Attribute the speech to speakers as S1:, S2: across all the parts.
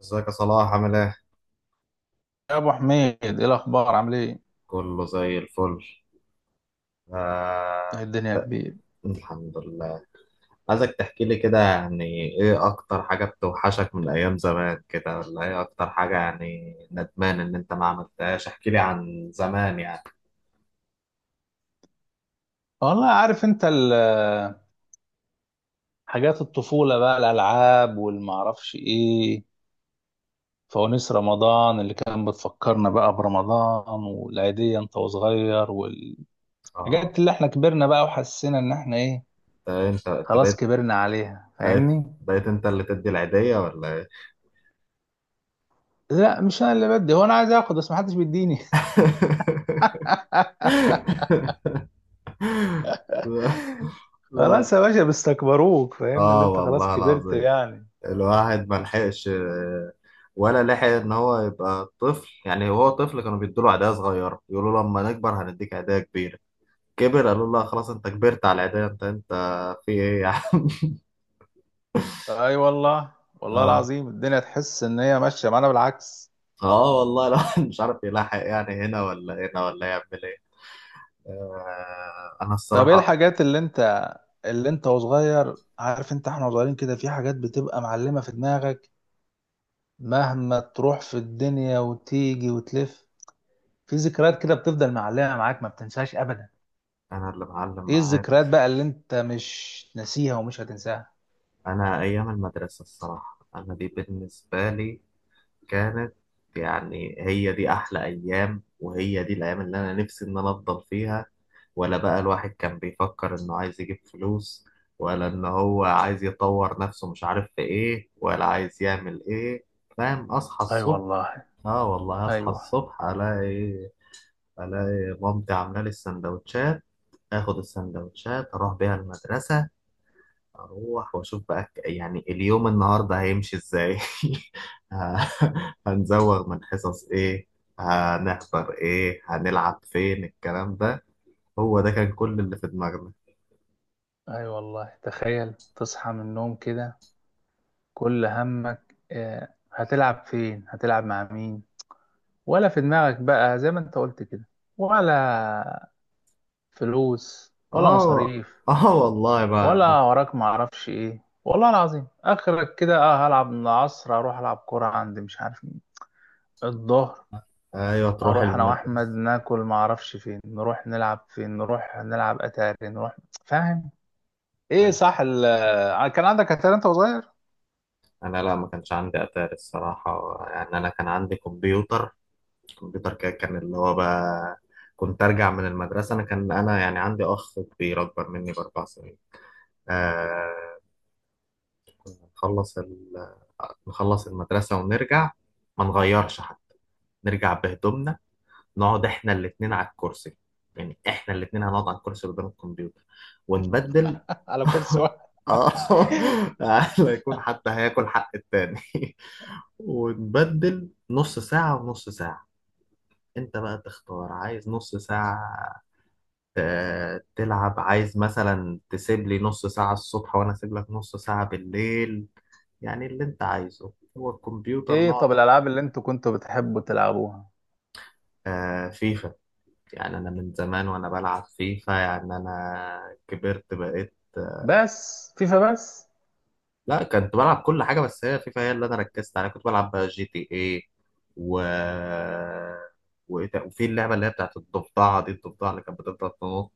S1: ازيك يا صلاح عامل ايه؟
S2: يا ابو حميد، ايه الاخبار عامل ايه؟
S1: كله زي الفل. آه...
S2: إيه الدنيا كبير.
S1: الحمد لله. عايزك تحكي لي كده، يعني ايه اكتر حاجة بتوحشك من ايام زمان كده، ولا ايه اكتر حاجة يعني ندمان ان انت ما عملتهاش؟ احكي لي عن زمان يعني.
S2: والله عارف انت حاجات الطفوله بقى، الالعاب والمعرفش ايه، فوانيس رمضان اللي كان بتفكرنا بقى برمضان، والعيديه انت وصغير، والحاجات
S1: اه،
S2: اللي احنا كبرنا بقى وحسينا ان احنا ايه،
S1: انت
S2: خلاص كبرنا عليها
S1: بقيت
S2: فاهمني.
S1: بقيت انت اللي تدي العيدية ولا ايه؟
S2: لا مش انا اللي بدي، هو انا عايز اخد بس محدش بيديني.
S1: لا، لا.
S2: خلاص يا باشا بيستكبروك فاهمني اللي
S1: اه
S2: انت خلاص
S1: والله
S2: كبرت
S1: العظيم،
S2: يعني.
S1: الواحد ما لحقش، ولا لحق ان هو يبقى طفل، يعني هو طفل كانوا بيدوا له عيدية صغيرة يقولوا له لما نكبر هنديك عيدية كبيرة، كبر قالوا له لا خلاص انت كبرت على العيدية، انت في ايه يعني.
S2: اي والله. والله
S1: اه،
S2: العظيم الدنيا تحس ان هي ماشيه معانا بالعكس.
S1: اه، والله الواحد مش عارف يلاحق، يعني هنا ولا هنا ولا يعمل ايه. انا
S2: طب ايه
S1: الصراحة،
S2: الحاجات اللي انت، اللي انت وصغير، عارف انت احنا وصغيرين كده في حاجات بتبقى معلمه في دماغك، مهما تروح في الدنيا وتيجي وتلف، في ذكريات كده بتفضل معلمه معاك ما بتنساهاش ابدا.
S1: انا اللي معلم
S2: ايه
S1: معايا
S2: الذكريات
S1: بس
S2: بقى اللي انت مش ناسيها ومش هتنساها؟
S1: انا ايام المدرسة. الصراحة انا دي بالنسبة لي كانت، يعني هي دي احلى ايام، وهي دي الايام اللي انا نفسي ان انا افضل فيها، ولا بقى الواحد كان بيفكر إنه عايز يجيب فلوس، ولا إن هو عايز يطور نفسه، مش عارف في إيه، ولا عايز يعمل إيه. فاهم، أصحى
S2: اي
S1: الصبح،
S2: والله.
S1: آه والله أصحى
S2: ايوه.
S1: الصبح ألاقي، مامتي عاملة لي السندوتشات، آخد السندوتشات أروح بيها المدرسة، أروح وأشوف بقى يعني اليوم النهاردة هيمشي إزاي، ه- هنزوغ من حصص ايه، هنحضر ايه، هنلعب فين، الكلام ده هو ده كان كل اللي في دماغنا.
S2: اي والله تخيل تصحى من النوم كده كل همك آه، هتلعب فين هتلعب مع مين، ولا في دماغك بقى زي ما انت قلت كده، ولا فلوس ولا
S1: اه،
S2: مصاريف،
S1: اه والله بقى.
S2: ولا وراك معرفش ايه. والله العظيم اخرك كده اه هلعب من العصر اروح العب كرة عند مش عارف مين الظهر.
S1: ايوه تروح
S2: اروح انا
S1: المدرسه.
S2: واحمد ناكل معرفش فين، نروح نلعب فين، نروح نلعب اتاري، نروح فاهم. ايه
S1: أيوة.
S2: صح آه، كان عندك اتاري انت وصغير؟
S1: انا لا، ما كانش عندي اتاري الصراحه، يعني انا كان عندي كمبيوتر. الكمبيوتر كده كان اللي هو بقى كنت ارجع من المدرسه، انا كان انا يعني عندي اخ كبير اكبر مني ب4 سنين. آه، نخلص ال... نخلص المدرسه ونرجع، ما نغيرش حتى، نرجع بهدومنا، نقعد احنا الاتنين على الكرسي، يعني احنا الاتنين هنقعد على الكرسي قدام الكمبيوتر ونبدل.
S2: على كرسي واحد؟
S1: اه، لا يكون حد هياكل حق التاني. ونبدل نص ساعة ونص ساعة، انت بقى تختار عايز نص ساعة تلعب، عايز مثلا تسيب لي نص ساعة الصبح وانا اسيب لك نص ساعة بالليل، يعني اللي انت عايزه هو الكمبيوتر
S2: ايه طب
S1: نقعد.
S2: الالعاب اللي انتوا كنتوا بتحبوا تلعبوها؟
S1: آه، فيفا، يعني انا من زمان وانا بلعب فيفا، يعني انا كبرت بقيت.
S2: بس فيفا بس؟
S1: لا، كنت بلعب كل حاجة، بس هي فيفا هي اللي أنا ركزت عليها، كنت بلعب بقى جي تي إيه، و وإيه وفي اللعبة اللي هي بتاعت الضفدعة دي، الضفدعة اللي كانت بتفضل تنط،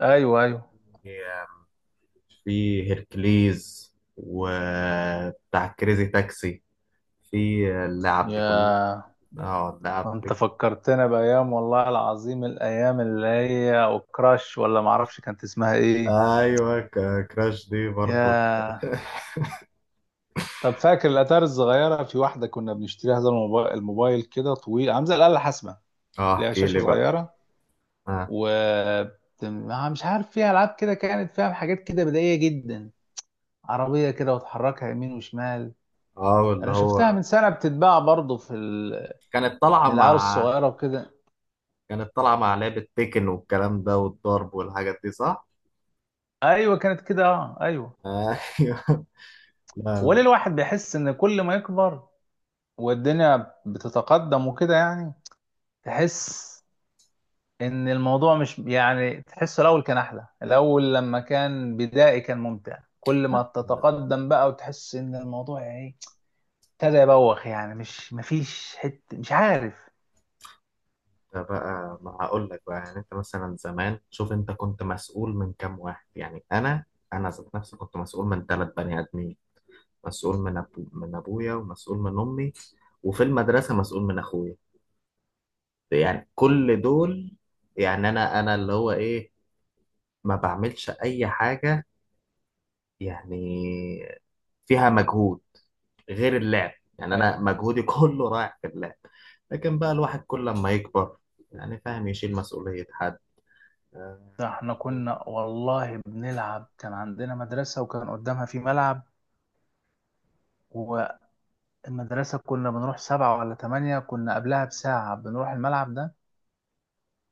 S2: ايوه ايوه.
S1: هي- في هيركليز وبتاع كريزي تاكسي، في اللعب دي كلها.
S2: يا
S1: اه، اللعب
S2: انت
S1: دي.
S2: فكرتنا بايام والله العظيم، الايام اللي هي وكراش ولا معرفش كانت اسمها ايه.
S1: ايوه، كراش دي برضو.
S2: يا طب فاكر الاتاري الصغيره، في واحده كنا بنشتريها زي الموبايل، الموبايل كده طويل عامل زي الاله الحاسبه،
S1: اه
S2: ليها
S1: احكي
S2: شاشه
S1: لي بقى.
S2: صغيره
S1: اه،
S2: و مش عارف فيها العاب كده، كانت فيها حاجات كده بدائيه جدا، عربيه كده وتحركها يمين وشمال.
S1: اه، اللي
S2: انا شفتها
S1: هو
S2: من سنه بتتباع برضه في
S1: كانت طالعة
S2: للعيال
S1: مع
S2: الصغيره وكده.
S1: كانت طالعة مع لعبة تيكن، والكلام ده والضرب والحاجات دي، صح؟
S2: ايوه كانت كده اه ايوه.
S1: ايوه. لا،
S2: وليه
S1: لا،
S2: الواحد بيحس ان كل ما يكبر والدنيا بتتقدم وكده، يعني تحس ان الموضوع مش يعني، تحسه الاول كان احلى، الاول لما كان بدائي كان ممتع، كل ما
S1: لا.
S2: تتقدم بقى وتحس ان الموضوع يعني ايه ابتدى يبوخ يعني. مش مفيش حته مش عارف.
S1: ده بقى ما هقول لك بقى، يعني انت مثلا زمان شوف، انت كنت مسؤول من كام واحد؟ يعني انا، انا ذات نفسي كنت مسؤول من 3 بني ادمين، مسؤول من أبو من ابويا، ومسؤول من امي، وفي المدرسه مسؤول من اخويا، يعني كل دول. يعني انا اللي هو ايه، ما بعملش اي حاجه يعني فيها مجهود غير اللعب، يعني انا
S2: ايوه
S1: مجهودي كله رايح في اللعب. لكن بقى الواحد كل لما يكبر يعني، فاهم، يشيل مسؤولية حد. آه.
S2: ده احنا كنا والله بنلعب، كان عندنا مدرسة وكان قدامها في ملعب، والمدرسة كنا بنروح سبعة ولا تمانية، كنا قبلها بساعة بنروح الملعب ده.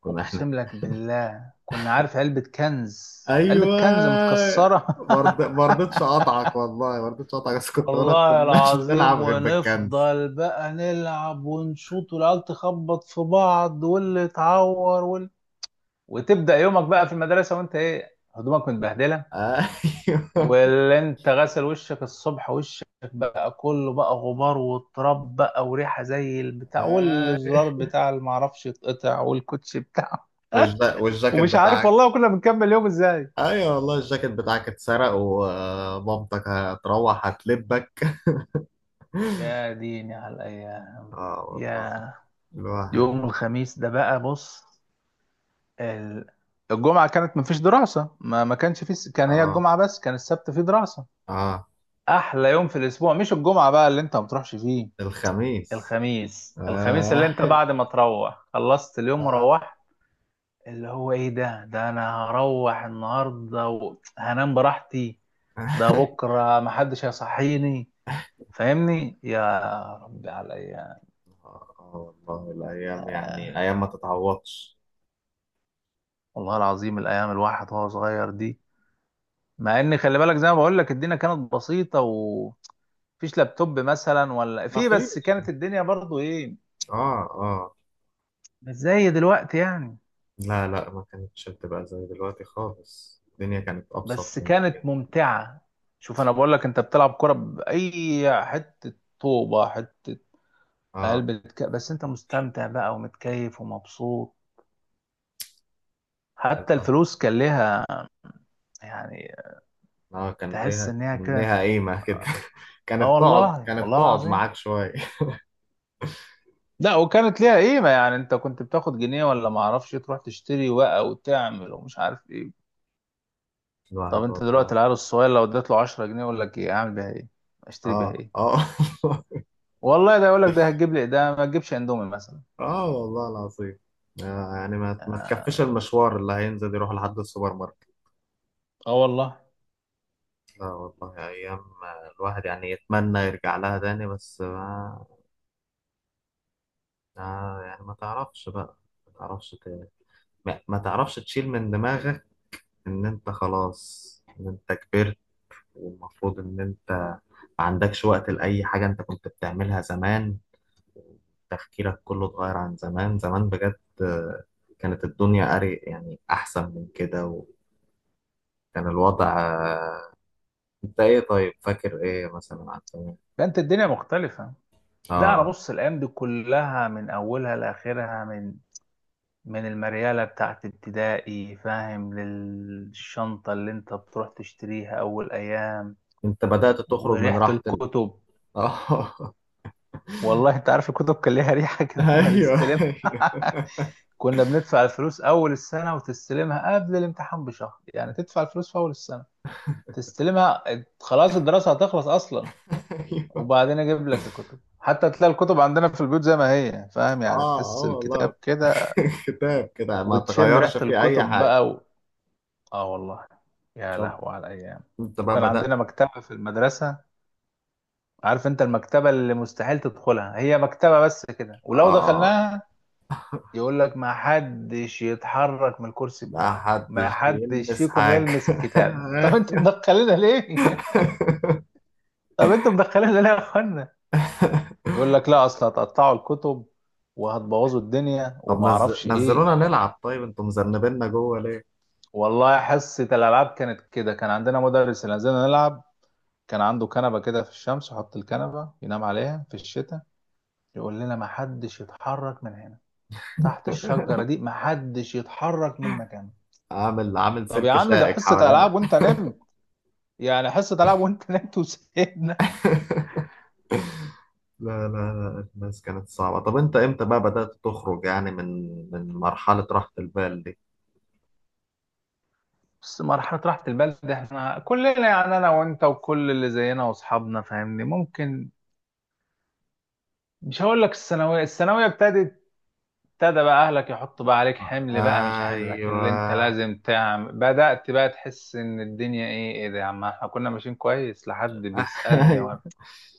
S1: كنا احنا.
S2: اقسم لك بالله كنا عارف، علبة كنز، علبة كنز
S1: ايوه
S2: متكسرة.
S1: مرض، ما رضيتش اقطعك، والله ما رضيتش اقطعك، بس كنت اقول لك
S2: والله
S1: كناش بنلعب
S2: العظيم
S1: غير بالكنز.
S2: ونفضل بقى نلعب ونشوط، والعيال تخبط في بعض، واللي اتعور وتبدأ يومك بقى في المدرسة وانت ايه هدومك متبهدلة،
S1: ايوه.
S2: واللي انت غسل وشك الصبح، وشك بقى كله بقى غبار وتراب بقى، وريحة زي البتاع،
S1: أيوة.
S2: والزرار بتاع اللي معرفش يتقطع، والكوتش بتاعه.
S1: والجاكيت
S2: ومش عارف
S1: بتاعك.
S2: والله كنا بنكمل يوم ازاي.
S1: ايوه والله الجاكيت بتاعك اتسرق ومامتك هتروح هتلبك.
S2: يا ديني على الأيام.
S1: اه والله
S2: يا
S1: الواحد.
S2: يوم الخميس ده بقى بص، ال- الجمعة كانت مفيش دراسة، ما كانش في كان هي
S1: اه،
S2: الجمعة بس، كان السبت فيه دراسة.
S1: اه.
S2: أحلى يوم في الأسبوع مش الجمعة بقى اللي أنت ما بتروحش فيه،
S1: الخميس.
S2: الخميس. الخميس اللي
S1: آه.
S2: أنت بعد ما تروح خلصت اليوم
S1: آه.
S2: وروحت، اللي هو إيه ده، ده أنا هروح النهاردة وهنام براحتي، ده بكرة محدش هيصحيني فاهمني. يا ربي على الأيام.
S1: آه والله الأيام يعني أيام ما تتعوضش.
S2: والله العظيم الأيام الواحد وهو صغير دي، مع ان خلي بالك زي ما بقول لك الدنيا كانت بسيطه ومفيش لابتوب مثلا ولا
S1: ما
S2: في، بس
S1: فيش.
S2: كانت الدنيا برضو ايه،
S1: آه، آه.
S2: مش زي دلوقتي يعني.
S1: لا، لا، ما كانتش بتبقى زي دلوقتي خالص، الدنيا كانت أبسط
S2: بس
S1: من
S2: كانت
S1: كده.
S2: ممتعه. شوف انا بقول لك، انت بتلعب كره باي حته، طوبه حته
S1: آه،
S2: قلب بس انت مستمتع بقى ومتكيف ومبسوط،
S1: آه.
S2: حتى
S1: آه،
S2: الفلوس كان ليها يعني
S1: آه، كان
S2: تحس
S1: ليها
S2: ان هي
S1: كان
S2: كانت،
S1: ليها قيمة كده،
S2: اه
S1: كانت تقعد
S2: والله.
S1: كانت
S2: والله
S1: تقعد
S2: العظيم
S1: معاك شوية.
S2: لا وكانت ليها قيمه، يعني انت كنت بتاخد جنيه ولا ما اعرفش تروح تشتري بقى وتعمل ومش عارف ايه. طب
S1: الواحد
S2: انت
S1: والله.
S2: دلوقتي العيال الصغير لو اديت له 10 جنيه يقول لك ايه، اعمل بيها ايه اشتري بيها
S1: آه،
S2: ايه؟
S1: آه.
S2: والله ده يقول لك ده هتجيب لي ده، ما تجيبش اندومي مثلا.
S1: آه والله العظيم. آه، يعني ما، تكفيش المشوار اللي هينزل يروح لحد السوبر ماركت.
S2: اه والله
S1: لا والله أيام الواحد يعني يتمنى يرجع لها تاني، بس يعني ما تعرفش بقى، ما تعرفش ت... ما تعرفش تشيل من دماغك إن أنت خلاص، إن أنت كبرت، والمفروض إن أنت ما عندكش وقت لأي حاجة أنت كنت بتعملها زمان، تفكيرك كله اتغير عن زمان. زمان بجد، كانت الدنيا أري يعني أحسن من كده، وكان الوضع، أنت إيه؟ طيب فاكر إيه مثلا عن زمان؟
S2: فانت الدنيا مختلفة. لا انا
S1: آه.
S2: بص، الايام دي كلها من اولها لاخرها، من المريالة بتاعت ابتدائي فاهم، للشنطة اللي انت بتروح تشتريها اول ايام،
S1: أنت بدأت تخرج من
S2: وريحة
S1: راحة.
S2: الكتب.
S1: اه.
S2: والله انت عارف الكتب كان ليها ريحة كده لما
S1: ايوه،
S2: نستلمها.
S1: ايوه.
S2: كنا بندفع الفلوس اول السنة وتستلمها قبل الامتحان بشهر، يعني تدفع الفلوس في اول السنة تستلمها خلاص الدراسة هتخلص أصلا،
S1: ايوه.
S2: وبعدين أجيب لك الكتب. حتى تلاقي الكتب عندنا في البيوت زي ما هي فاهم، يعني
S1: اه،
S2: تحس
S1: اه والله.
S2: الكتاب كده،
S1: كتاب كده ما
S2: وتشم
S1: تغيرش
S2: ريحة
S1: فيه اي
S2: الكتب
S1: حاجه.
S2: بقى. آه والله. يا
S1: طب
S2: لهوي على الأيام.
S1: انت بقى
S2: وكان
S1: بدأت.
S2: عندنا مكتبة في المدرسة، عارف أنت المكتبة اللي مستحيل تدخلها، هي مكتبة بس كده ولو
S1: اه.
S2: دخلناها يقول لك ما حدش يتحرك من الكرسي
S1: لا
S2: بتاعه، ما
S1: حدش
S2: حدش
S1: يلمس
S2: فيكم
S1: حاجه.
S2: يلمس كتاب. طب انتوا مدخلينها ليه؟ طب انتوا مدخلينها ليه يا اخوانا؟ يقول لك لا اصل هتقطعوا الكتب وهتبوظوا الدنيا
S1: طب
S2: وما اعرفش ايه.
S1: نزلونا نلعب، طيب انتوا مذنبيننا جوه ليه؟
S2: والله حصة الالعاب كانت كده، كان عندنا مدرس اللي نزلنا نلعب، كان عنده كنبة كده في الشمس يحط الكنبة ينام عليها في الشتاء، يقول لنا ما حدش يتحرك من هنا، تحت الشجرة دي ما حدش يتحرك من مكانه.
S1: عامل
S2: طب يا
S1: سلك
S2: عم ده
S1: شائك
S2: حصة
S1: حوالينا.
S2: العاب وانت نمت، يعني حصة العاب وانت نمت وسيبنا.
S1: لا، لا، لا، الناس كانت صعبة. طب انت امتى بقى بدأت تخرج يعني من مرحلة راحة البال دي؟
S2: بس مرحلة راحة البال ده احنا كلنا يعني انا وانت وكل اللي زينا واصحابنا فاهمني، ممكن مش هقول لك الثانويه، الثانويه ابتدت، ابتدى بقى اهلك يحطوا بقى عليك حمل بقى مش حملك اللي انت
S1: ايوه.
S2: لازم تعمل، بدات بقى تحس ان الدنيا ايه، ايه ده يا عم احنا كنا ماشيين كويس لحد بيسالني وانا،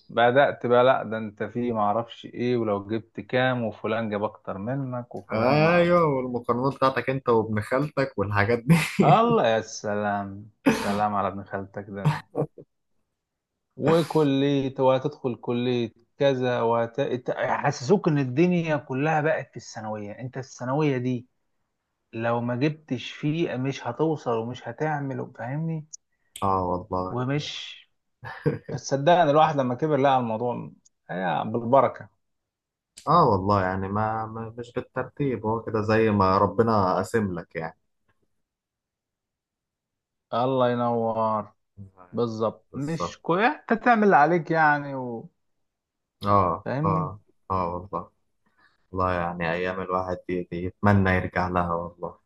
S2: بدات بقى لا ده انت في ما اعرفش ايه، ولو جبت كام، وفلان جاب اكتر منك، وفلان ما.
S1: ايوه، والمقارنات بتاعتك انت وابن خالتك والحاجات دي.
S2: الله يا سلام سلام على ابن خالتك ده، وكلية وهتدخل كلية كذا يحسسوك ان الدنيا كلها بقت في الثانوية، انت الثانوية دي لو ما جبتش فيه مش هتوصل ومش هتعمل فاهمني.
S1: اه والله.
S2: ومش، بس صدقني الواحد لما كبر لقى الموضوع هي بالبركة.
S1: اه والله، يعني ما, ما مش بالترتيب، هو كده زي ما ربنا قاسم لك يعني.
S2: الله ينور.
S1: أيوة،
S2: بالظبط
S1: بالظبط.
S2: مش كويس انت تعمل اللي عليك يعني
S1: اه،
S2: فاهمني.
S1: اه. اه والله. والله يعني ايام الواحد دي، يتمنى يرجع لها والله.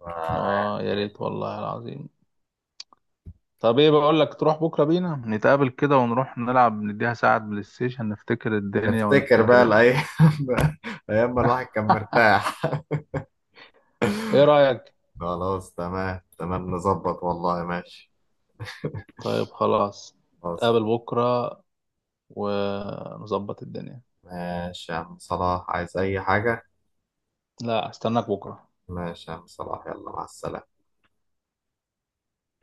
S2: اه يا
S1: يعني
S2: ريت والله العظيم. طب ايه بقول لك تروح بكرة بينا نتقابل كده ونروح نلعب، نديها ساعة بلاي ستيشن نفتكر الدنيا
S1: نفتكر بقى
S2: ونفتكر
S1: الايام. ايام ما الواحد كان مرتاح.
S2: ايه رأيك؟
S1: خلاص، تمام، تمام، نظبط والله ماشي.
S2: طيب خلاص
S1: خلاص.
S2: نتقابل بكرة ونظبط الدنيا.
S1: ماشي يا عم صلاح، عايز اي حاجة؟
S2: لا استناك بكرة.
S1: ماشي يا عم صلاح، يلا مع السلامة.